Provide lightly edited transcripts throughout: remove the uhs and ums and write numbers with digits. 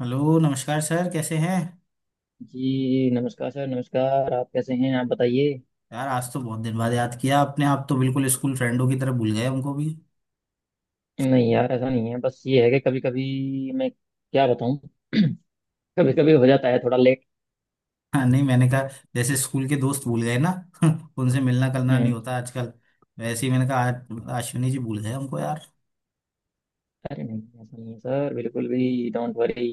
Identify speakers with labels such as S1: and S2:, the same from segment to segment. S1: Hello नमस्कार sir, कैसे हैं?
S2: जी नमस्कार सर। नमस्कार। आप कैसे हैं? आप बताइए।
S1: यार आज तो बहुत दिन बाद याद किया आपने। आप तो बिल्कुल स्कूल फ्रेंडों की तरह भूल गए हमको भी।
S2: नहीं यार, ऐसा नहीं है। बस ये है कि कभी कभी मैं क्या बताऊं। कभी कभी हो जाता है थोड़ा लेट।
S1: हाँ, नहीं मैंने कहा जैसे स्कूल के दोस्त भूल गए ना। उनसे मिलना करना नहीं
S2: हम्म।
S1: होता आजकल। वैसे ही मैंने कहा, आज अश्विनी जी भूल गए हमको यार।
S2: अरे नहीं, ऐसा नहीं है सर, बिल्कुल भी। Don't worry.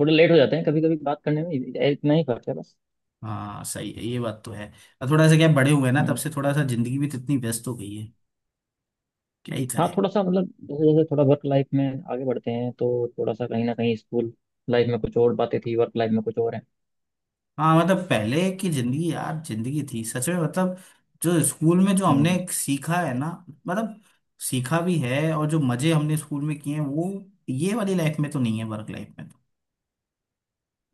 S2: थोड़ा लेट हो जाते हैं कभी कभी बात करने में इतना ही फर्क है बस।
S1: हाँ सही है, ये बात तो है। और थोड़ा सा क्या, बड़े हुए ना तब
S2: हम्म।
S1: से, थोड़ा सा जिंदगी भी तो इतनी व्यस्त हो गई है, क्या ही
S2: हाँ,
S1: करें।
S2: थोड़ा सा मतलब जैसे जैसे थोड़ा वर्क लाइफ में आगे बढ़ते हैं, तो थोड़ा सा कहीं ना कहीं स्कूल लाइफ में कुछ और बातें थी, वर्क लाइफ में कुछ और
S1: हाँ मतलब, पहले की जिंदगी यार, जिंदगी थी सच में। मतलब जो स्कूल में जो हमने
S2: है।
S1: सीखा है ना, मतलब सीखा भी है, और जो मजे हमने स्कूल में किए हैं वो ये वाली लाइफ में तो नहीं है, वर्क लाइफ में तो।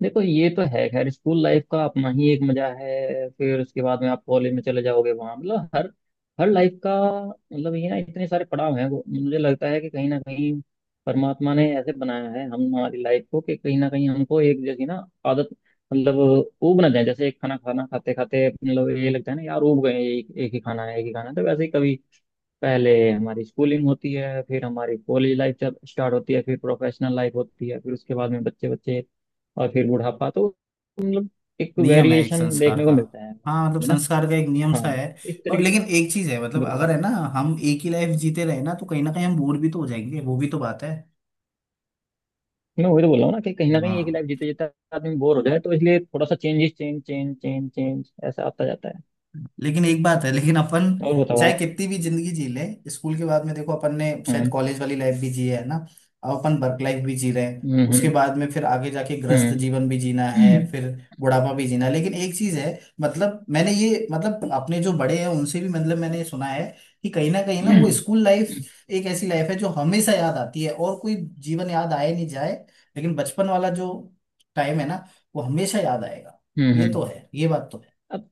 S2: देखो, ये तो है। खैर, स्कूल लाइफ का अपना ही एक मजा है। फिर उसके बाद में आप कॉलेज में चले जाओगे। वहां मतलब हर हर लाइफ का मतलब ये ना, इतने सारे पड़ाव हैं, वो मुझे लगता है कि कहीं ना कहीं परमात्मा ने ऐसे बनाया है हम हमारी लाइफ को कि कहीं ना कहीं हमको एक जैसी ना आदत, मतलब ऊब ना जाए। जैसे एक खाना खाना खाते खाते मतलब ये लगता है ना यार, ऊब गए। एक एक ही खाना है, एक ही खाना है। तो वैसे ही कभी पहले हमारी स्कूलिंग होती है, फिर हमारी कॉलेज लाइफ जब स्टार्ट होती है, फिर प्रोफेशनल लाइफ होती है, फिर उसके बाद में बच्चे बच्चे, और फिर बुढ़ापा। तो मतलब एक
S1: नियम है एक
S2: वेरिएशन
S1: संस्कार
S2: देखने को
S1: का।
S2: मिलता है
S1: हाँ मतलब,
S2: है ना।
S1: संस्कार का एक नियम
S2: हाँ,
S1: सा है।
S2: इस
S1: और
S2: तरीके
S1: लेकिन
S2: से।
S1: एक चीज है मतलब, अगर
S2: बिल्कुल।
S1: है ना, हम एक ही लाइफ जीते रहे ना, तो कहीं ना कहीं हम बोर भी तो हो जाएंगे, वो भी तो बात है।
S2: मैं वही तो बोल रहा हूँ ना कि कहीं ना कहीं एक ही
S1: हाँ।
S2: लाइफ जीते जीते आदमी बोर हो जाए, तो इसलिए थोड़ा सा changes, change change change change ऐसा आता जाता है।
S1: लेकिन एक बात है, लेकिन अपन
S2: और बताओ
S1: चाहे
S2: आप।
S1: कितनी भी जिंदगी जी ले, स्कूल के बाद में देखो अपन ने शायद
S2: हम्म।
S1: कॉलेज वाली लाइफ भी जी है ना। अब अपन वर्क लाइफ भी जी रहे हैं,
S2: हम्म।
S1: उसके
S2: हम्म।
S1: बाद में फिर आगे जाके ग्रस्त
S2: हम्म।
S1: जीवन भी जीना है,
S2: हम्म।
S1: फिर बुढ़ापा भी जीना है। लेकिन एक चीज है मतलब, मैंने ये मतलब अपने जो बड़े हैं उनसे भी मतलब मैंने ये सुना है कि कहीं ना वो
S2: हम्म।
S1: स्कूल लाइफ एक ऐसी लाइफ है जो हमेशा याद आती है, और कोई जीवन याद आए नहीं जाए, लेकिन बचपन वाला जो टाइम है ना, वो हमेशा याद आएगा।
S2: हम्म,
S1: ये तो
S2: हम्म।
S1: है, ये बात तो
S2: अब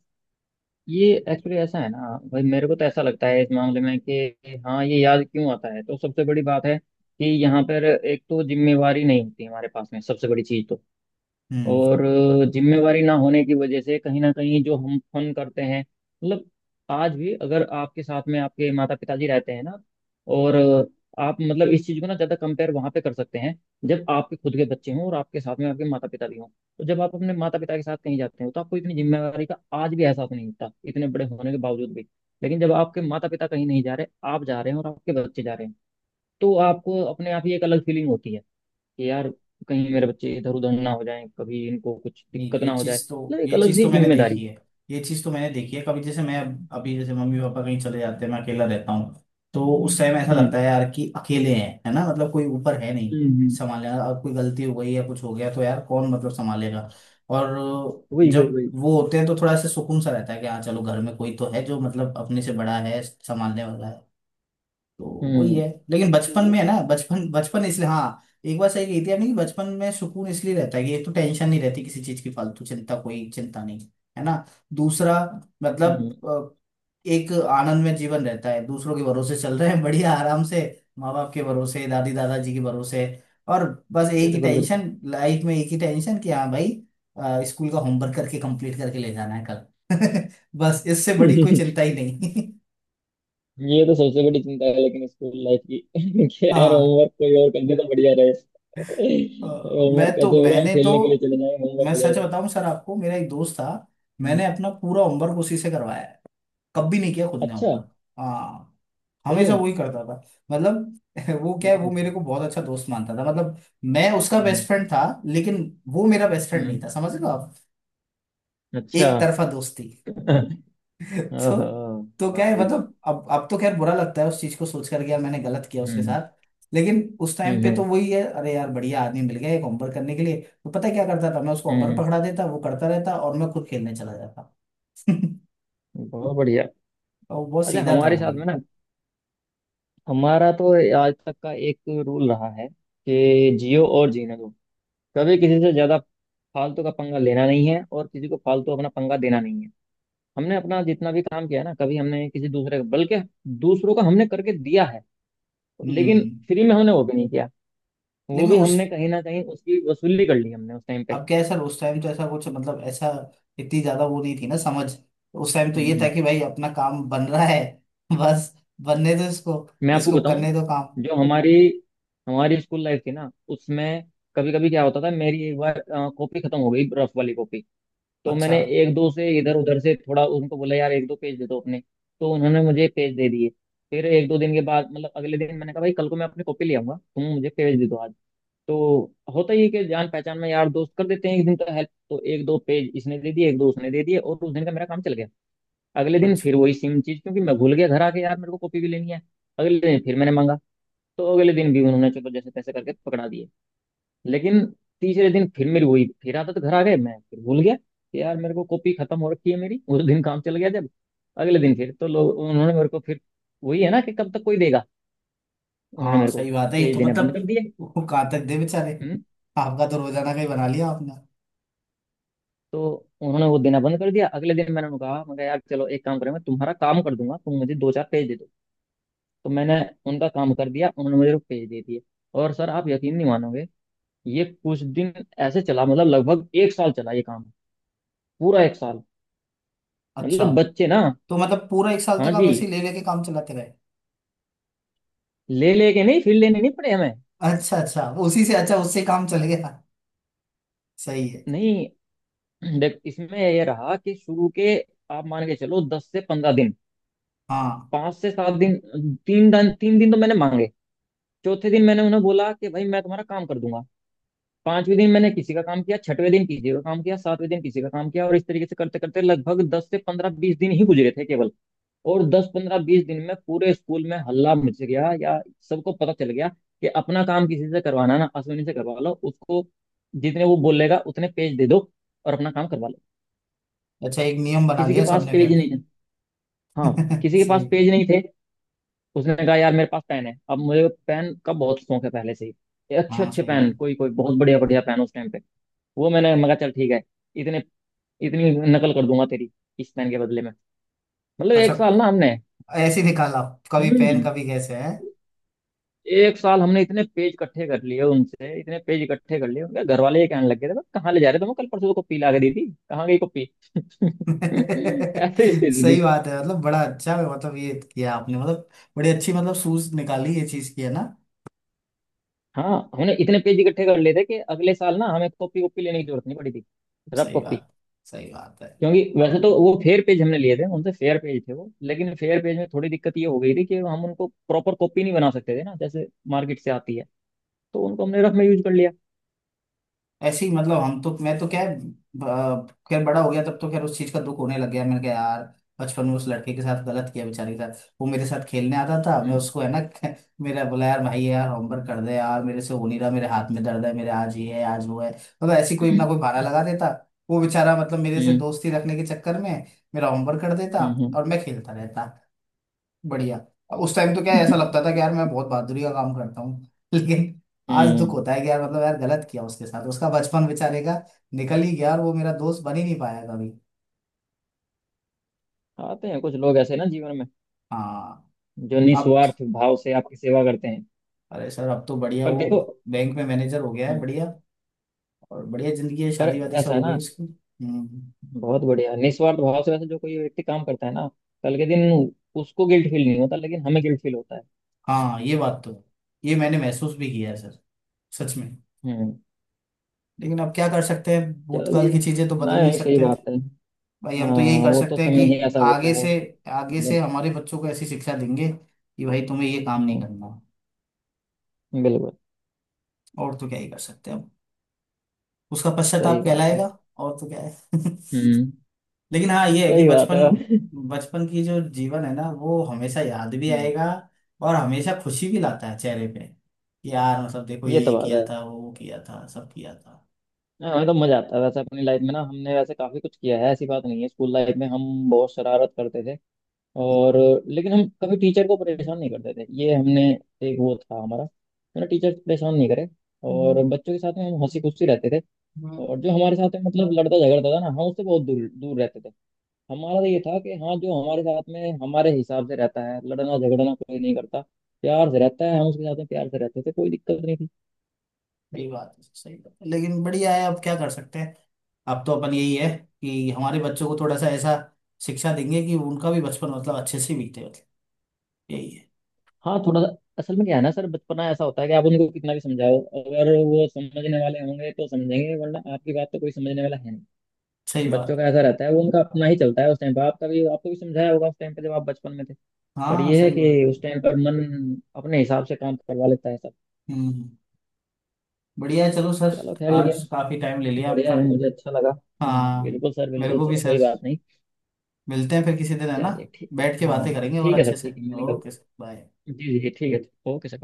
S2: ये एक्चुअली ऐसा है ना भाई, मेरे को तो ऐसा लगता है इस मामले में कि हाँ, ये याद क्यों आता है तो सबसे बड़ी बात है कि यहाँ पर एक तो जिम्मेवारी नहीं होती हमारे पास में सबसे बड़ी चीज तो।
S1: है।
S2: और जिम्मेवारी ना होने की वजह से कहीं ना कहीं जो हम फन करते हैं। मतलब आज भी अगर आपके साथ में आपके माता पिताजी रहते हैं ना, और आप मतलब इस चीज को ना ज्यादा कंपेयर वहां पे कर सकते हैं। जब आपके खुद के बच्चे हों और आपके साथ में आपके माता पिता भी हों, तो जब आप अपने माता पिता के साथ कहीं जाते हो, तो आपको इतनी जिम्मेवारी का आज भी एहसास नहीं होता इतने बड़े होने के बावजूद भी। लेकिन जब आपके माता पिता कहीं नहीं जा रहे, आप जा रहे हैं और आपके बच्चे जा रहे हैं, तो आपको अपने आप ही एक अलग फीलिंग होती है कि यार, कहीं मेरे बच्चे इधर उधर ना हो जाएं, कभी इनको कुछ
S1: नहीं,
S2: दिक्कत ना
S1: ये
S2: हो जाए,
S1: चीज तो
S2: मतलब एक
S1: ये
S2: अलग
S1: चीज
S2: सी
S1: तो मैंने
S2: जिम्मेदारी।
S1: देखी है। ये चीज तो मैंने देखी है, कभी जैसे मैं अभी जैसे मम्मी पापा कहीं चले जाते हैं मैं अकेला रहता हूँ, तो उस टाइम ऐसा
S2: हम्म।
S1: लगता है यार कि अकेले हैं, है ना, मतलब कोई ऊपर है नहीं
S2: हम्म।
S1: संभालने वाला। अब कोई गलती हो गई या कुछ हो गया तो यार कौन मतलब संभालेगा? और
S2: वही वही
S1: जब
S2: वही।
S1: वो होते हैं तो थोड़ा सा सुकून सा रहता है कि हाँ चलो, घर में कोई तो है जो मतलब अपने से बड़ा है, संभालने वाला है तो। वही
S2: हम्म।
S1: है। लेकिन बचपन
S2: तो
S1: में है ना, बचपन, बचपन इसलिए। हाँ, एक बार सही कहती है आपने कि बचपन में सुकून इसलिए रहता है कि एक तो टेंशन नहीं रहती किसी चीज की, फालतू चिंता, कोई चिंता नहीं, है ना। दूसरा मतलब
S2: हम्म।
S1: एक आनंद में जीवन रहता है, दूसरों के भरोसे चल रहे हैं बढ़िया आराम से, माँ बाप के भरोसे, दादी दादाजी के भरोसे। और बस एक ही
S2: बिल्कुल, बिल्कुल।
S1: टेंशन लाइफ में, एक ही टेंशन कि हाँ भाई, स्कूल का होमवर्क करके कंप्लीट करके ले जाना है कल। बस इससे बड़ी कोई चिंता ही नहीं।
S2: ये तो सबसे बड़ी चिंता है लेकिन स्कूल लाइफ की। कि यार,
S1: हाँ,
S2: होमवर्क कोई और कर दे तो बढ़िया रहे।
S1: अ, मैं
S2: होमवर्क
S1: तो
S2: कैसे होगा? हम
S1: मैंने तो
S2: खेलने के लिए चले जाएं, होमवर्क
S1: मैं
S2: हो
S1: सच
S2: जाएगा।
S1: बताऊं सर आपको, मेरा एक दोस्त था।
S2: हम्म।
S1: मैंने अपना पूरा होमवर्क उसी से करवाया है। कभी नहीं किया खुद ने
S2: अच्छा।
S1: होमवर्क। हाँ,
S2: सही
S1: हमेशा
S2: है।
S1: वही करता था मतलब। वो क्या है, वो मेरे
S2: हम्म।
S1: को बहुत अच्छा दोस्त मानता था मतलब। मैं उसका
S2: हम्म।
S1: बेस्ट फ्रेंड था, लेकिन वो मेरा बेस्ट फ्रेंड
S2: हम्म,
S1: नहीं था, समझ लो आप।
S2: अच्छा।
S1: एक तरफा दोस्ती तो।
S2: ओहो।
S1: तो क्या
S2: वाह
S1: है,
S2: भाई।
S1: मतलब अब तो खैर बुरा लगता है उस चीज को सोच करके, यार मैंने गलत किया उसके
S2: हम्म।
S1: साथ। लेकिन उस टाइम
S2: हम्म।
S1: पे तो
S2: हम्म।
S1: वही है, अरे यार बढ़िया आदमी मिल गया एक होमवर्क करने के लिए। तो पता है क्या करता था, मैं उसको होमवर्क
S2: हम्म।
S1: पकड़ा देता, वो करता रहता और मैं खुद खेलने चला जाता।
S2: बहुत बढ़िया।
S1: और बहुत
S2: अच्छा,
S1: सीधा था
S2: हमारे
S1: वो
S2: साथ
S1: भी।
S2: में ना, हमारा तो आज तक का एक रूल रहा है कि जियो और जीने दो। कभी किसी से ज्यादा फालतू का पंगा लेना नहीं है और किसी को फालतू अपना पंगा देना नहीं है। हमने अपना जितना भी काम किया है ना, कभी हमने किसी दूसरे का, बल्कि दूसरों का हमने करके दिया है। लेकिन
S1: हम्म।
S2: फ्री में हमने वो भी नहीं किया, वो
S1: लेकिन
S2: भी
S1: उस
S2: हमने कहीं ना कहीं उसकी वसूली कर ली हमने उस टाइम
S1: अब क्या है सर, उस टाइम तो ऐसा कुछ मतलब, ऐसा इतनी ज्यादा वो नहीं थी ना, समझ। उस टाइम तो
S2: पे।
S1: ये था कि भाई अपना काम बन रहा है। बस बनने दो इसको,
S2: मैं आपको
S1: इसको
S2: बताऊं,
S1: करने दो काम।
S2: जो हमारी हमारी स्कूल लाइफ थी ना, उसमें कभी कभी क्या होता था, मेरी एक बार कॉपी खत्म हो गई, रफ वाली कॉपी। तो
S1: अच्छा।
S2: मैंने एक दो से इधर उधर से थोड़ा उनको बोला, यार एक दो पेज दे दो अपने। तो उन्होंने मुझे पेज दे दिए। फिर एक दो दिन के बाद मतलब अगले दिन मैंने कहा, भाई कल को मैं अपनी कॉपी ले आऊंगा, तुम मुझे पेज दे दो आज। तो होता ही है कि जान पहचान में यार दोस्त कर देते हैं एक दिन का हेल्प। तो एक दो पेज इसने दे दिए, एक दो उसने दे दिए, और उस दिन का मेरा काम चल गया। अगले दिन फिर वही सेम चीज, क्योंकि मैं भूल गया घर आके यार मेरे को कॉपी भी लेनी है। अगले दिन फिर मैंने मांगा। तो अगले दिन भी उन्होंने चलो जैसे तैसे करके पकड़ा दिए। लेकिन तीसरे दिन फिर मेरी वही फिर आदत, घर आ गए मैं फिर भूल गया कि यार मेरे को कॉपी खत्म हो रखी है मेरी, उस दिन काम चल गया जब। अगले दिन फिर तो लोग उन्होंने मेरे को फिर वही है ना कि कब तक कोई देगा, उन्होंने
S1: हाँ
S2: मेरे को
S1: सही बात है, ये
S2: पेज
S1: तो
S2: देना बंद
S1: मतलब।
S2: कर दिए।
S1: वो कहाँ तक दे बेचारे,
S2: हम्म।
S1: आपका तो रोजाना का ही बना लिया आपने।
S2: तो उन्होंने वो देना बंद कर दिया, अगले दिन मैंने उनको कहा यार चलो एक काम करें, मैं तुम्हारा काम कर दूंगा, तुम मुझे दो चार पेज दे दो। तो मैंने उनका काम कर दिया, उन्होंने मुझे पेज दे दिए। और सर आप यकीन नहीं मानोगे, ये कुछ दिन ऐसे चला, मतलब लगभग एक साल चला ये काम, पूरा एक साल
S1: अच्छा,
S2: मतलब बच्चे ना।
S1: तो मतलब पूरा 1 साल
S2: हाँ
S1: तक आप
S2: जी,
S1: ऐसे ही ले लेके काम चलाते रहे।
S2: ले लेके नहीं, फिर लेने नहीं पड़े हमें।
S1: अच्छा अच्छा, उसी से अच्छा उससे काम चल गया, सही है।
S2: नहीं, देख इसमें ये रहा कि शुरू के आप मान के चलो 10 से 15 दिन,
S1: हाँ,
S2: 5 से 7 दिन, 3 दिन 3 दिन तो मैंने मांगे, चौथे दिन मैंने उन्हें बोला कि भाई मैं तुम्हारा काम कर दूंगा। पांचवें दिन मैंने किसी का काम किया, छठवें दिन किसी का काम किया, सातवें दिन किसी का काम किया, और इस तरीके से करते करते लगभग 10 से 15 20 दिन ही गुजरे थे केवल। और 10 15 20 दिन में पूरे स्कूल में हल्ला मच गया या सबको पता चल गया कि अपना काम किसी से करवाना ना अश्विनी से करवा लो। उसको जितने वो बोलेगा उतने पेज दे दो और अपना काम करवा लो।
S1: अच्छा, एक नियम बना
S2: किसी के
S1: लिया
S2: पास
S1: सबने
S2: पेज
S1: फिर।
S2: नहीं है। हाँ, किसी के पास
S1: सही।
S2: पेज नहीं थे। उसने कहा यार मेरे पास पेन है। अब मुझे पेन का बहुत शौक है पहले से ही, अच्छे
S1: हाँ
S2: अच्छे
S1: सही है।
S2: पेन, कोई कोई बहुत बढ़िया बढ़िया पेन उस टाइम पे। वो मैंने मगा, चल ठीक है, इतने इतनी नकल कर दूंगा तेरी, इस पेन के बदले में। मतलब
S1: अच्छा,
S2: एक साल ना हमने।
S1: ऐसे ही निकाला, कभी पेन,
S2: हम्म।
S1: कभी कैसे है।
S2: एक साल हमने इतने पेज इकट्ठे कर लिए उनसे, इतने पेज इकट्ठे कर लिए, उनके घर वाले ये कहने लग गए थे, "बस, कहाँ ले जा रहे हो तुम? कल परसों तो कॉपी ला के दी थी, कहाँ गई कॉपी?" ऐसे स्थिति थी।
S1: सही बात है, मतलब बड़ा अच्छा है, मतलब ये किया आपने, मतलब बड़ी अच्छी मतलब सूझ निकाली ये चीज की, है ना।
S2: हाँ, हमने इतने पेज इकट्ठे कर लिए थे कि अगले साल ना हमें कॉपी कॉपी लेने की जरूरत नहीं पड़ी थी, रफ
S1: सही
S2: कॉपी।
S1: बात, सही बात है।
S2: क्योंकि वैसे तो
S1: हाँ।
S2: वो फेयर पेज हमने लिए थे उनसे, फेयर पेज थे वो, लेकिन फेयर पेज में थोड़ी दिक्कत ये हो गई थी कि हम उनको प्रॉपर कॉपी नहीं बना सकते थे ना, जैसे मार्केट से आती है। तो उनको हमने रफ में यूज कर लिया।
S1: ऐसे ही मतलब, हम तो मैं तो क्या है, खैर बड़ा हो गया तब, तो खैर उस चीज का दुख होने लग गया। मैंने कहा यार बचपन में उस लड़के के साथ गलत किया, बेचारे के साथ। वो मेरे साथ खेलने आता था, मैं उसको, है ना। मेरा बोला यार भाई यार होमवर्क कर दे यार, मेरे से हो नहीं रहा, मेरे हाथ में दर्द है, मेरे आज ये है आज वो है, मतलब ऐसी कोई ना
S2: हम्म।
S1: कोई बहाना लगा देता। वो बेचारा मतलब मेरे से
S2: हम्म।
S1: दोस्ती रखने के चक्कर में मेरा होमवर्क कर देता,
S2: हम्म।
S1: और मैं खेलता रहता, बढ़िया। उस टाइम तो क्या है, ऐसा लगता था कि यार मैं बहुत बहादुरी का काम करता हूँ। लेकिन आज दुख
S2: हम्म।
S1: होता है कि यार मतलब, यार गलत किया उसके साथ, उसका बचपन बेचारे का निकल ही गया और वो मेरा दोस्त बन ही नहीं पाया कभी।
S2: आते हैं कुछ लोग ऐसे ना जीवन में,
S1: हाँ।
S2: जो
S1: अब तो,
S2: निस्वार्थ भाव से आपकी सेवा करते हैं।
S1: अरे सर, अब तो बढ़िया,
S2: पर
S1: वो
S2: देखो।
S1: बैंक में मैनेजर हो गया है,
S2: हम्म,
S1: बढ़िया। और बढ़िया जिंदगी है,
S2: पर
S1: शादी वादी सब
S2: ऐसा है
S1: हो गई
S2: ना,
S1: उसकी। हम्म।
S2: बहुत बढ़िया निस्वार्थ भाव से वैसे जो कोई व्यक्ति काम करता है ना, कल के दिन उसको गिल्ट फील नहीं होता, लेकिन हमें गिल्ट फील होता है।
S1: हाँ ये बात तो है, ये मैंने महसूस भी किया है सर, सच में।
S2: हम्म।
S1: लेकिन अब क्या कर सकते हैं,
S2: चलो
S1: भूतकाल
S2: ये।
S1: की चीजें तो बदल नहीं
S2: नहीं, सही
S1: सकते।
S2: बात है।
S1: भाई हम
S2: हाँ,
S1: तो यही कर
S2: वो तो
S1: सकते हैं कि
S2: समय ही ऐसा होता
S1: आगे
S2: है।
S1: से,
S2: बट-
S1: हमारे बच्चों को ऐसी शिक्षा देंगे कि भाई तुम्हें ये काम नहीं
S2: हम्म।
S1: करना।
S2: बिल्कुल।
S1: और तो क्या ही कर सकते हैं हम, उसका
S2: सही
S1: पश्चाताप
S2: बात है।
S1: कहलाएगा, और तो क्या है।
S2: हम्म।
S1: लेकिन हाँ ये है कि
S2: सही बात
S1: बचपन,
S2: है।
S1: बचपन की जो जीवन है ना, वो हमेशा याद भी
S2: हम्म,
S1: आएगा, और हमेशा खुशी भी लाता है चेहरे पे कि यार मतलब देखो,
S2: ये तो
S1: ये
S2: बात
S1: किया
S2: है।
S1: था, वो किया था, सब किया था।
S2: हाँ हाँ, तो मजा आता है वैसे अपनी लाइफ में ना, हमने वैसे काफी कुछ किया है, ऐसी बात नहीं है। स्कूल लाइफ में हम बहुत शरारत करते थे। और लेकिन हम कभी टीचर को परेशान
S1: हम्म,
S2: नहीं करते थे, ये हमने, एक वो था हमारा, मैंने टीचर परेशान नहीं करे।
S1: हम्म,
S2: और बच्चों के साथ में हम हंसी खुशी रहते थे।
S1: हम्म,
S2: और जो हमारे साथ में मतलब लड़ता झगड़ता था ना, हम उससे बहुत दूर दूर रहते थे। हमारा तो ये था कि हाँ, जो हमारे साथ में हमारे हिसाब से रहता है, लड़ना झगड़ना कोई नहीं करता, प्यार से रहता है, हम उसके साथ में प्यार से रहते थे, कोई दिक्कत नहीं थी।
S1: सही बात है, सही बात है। लेकिन बढ़िया है, अब क्या कर सकते हैं। अब तो अपन यही है कि हमारे बच्चों को थोड़ा सा ऐसा शिक्षा देंगे कि उनका भी बचपन मतलब अच्छे से बीते, मतलब यही है।
S2: हाँ, थोड़ा सा असल में क्या है ना सर, बचपना ऐसा होता है कि आप उनको कितना भी समझाओ, अगर वो समझने वाले होंगे तो समझेंगे, वरना आपकी बात तो कोई समझने वाला है नहीं।
S1: सही
S2: बच्चों
S1: बात
S2: का
S1: है।
S2: ऐसा रहता है, वो उनका अपना ही चलता है उस टाइम पर, आपका भी आपको भी समझाया होगा उस टाइम पर जब आप बचपन में थे। पर
S1: हाँ
S2: ये है
S1: सही बात
S2: कि
S1: है।
S2: उस टाइम पर मन अपने हिसाब से काम करवा लेता है सब।
S1: हम्म, बढ़िया है चलो सर,
S2: चलो खैर,
S1: आज
S2: लेकिन
S1: काफी टाइम ले लिया
S2: बढ़िया
S1: आपका।
S2: है, मुझे अच्छा लगा।
S1: हाँ,
S2: बिल्कुल सर
S1: मेरे
S2: बिल्कुल।
S1: को भी
S2: चलो
S1: सर,
S2: कोई बात नहीं।
S1: मिलते हैं फिर किसी दिन, है ना,
S2: चलिए ठीक।
S1: बैठ के
S2: हाँ
S1: बातें
S2: हाँ,
S1: करेंगे और
S2: ठीक है सर
S1: अच्छे
S2: ठीक
S1: से।
S2: है, मैं निकलता
S1: ओके
S2: हूँ।
S1: Sir, bye.
S2: जी जी जी, ठीक है ओके सर, बाय।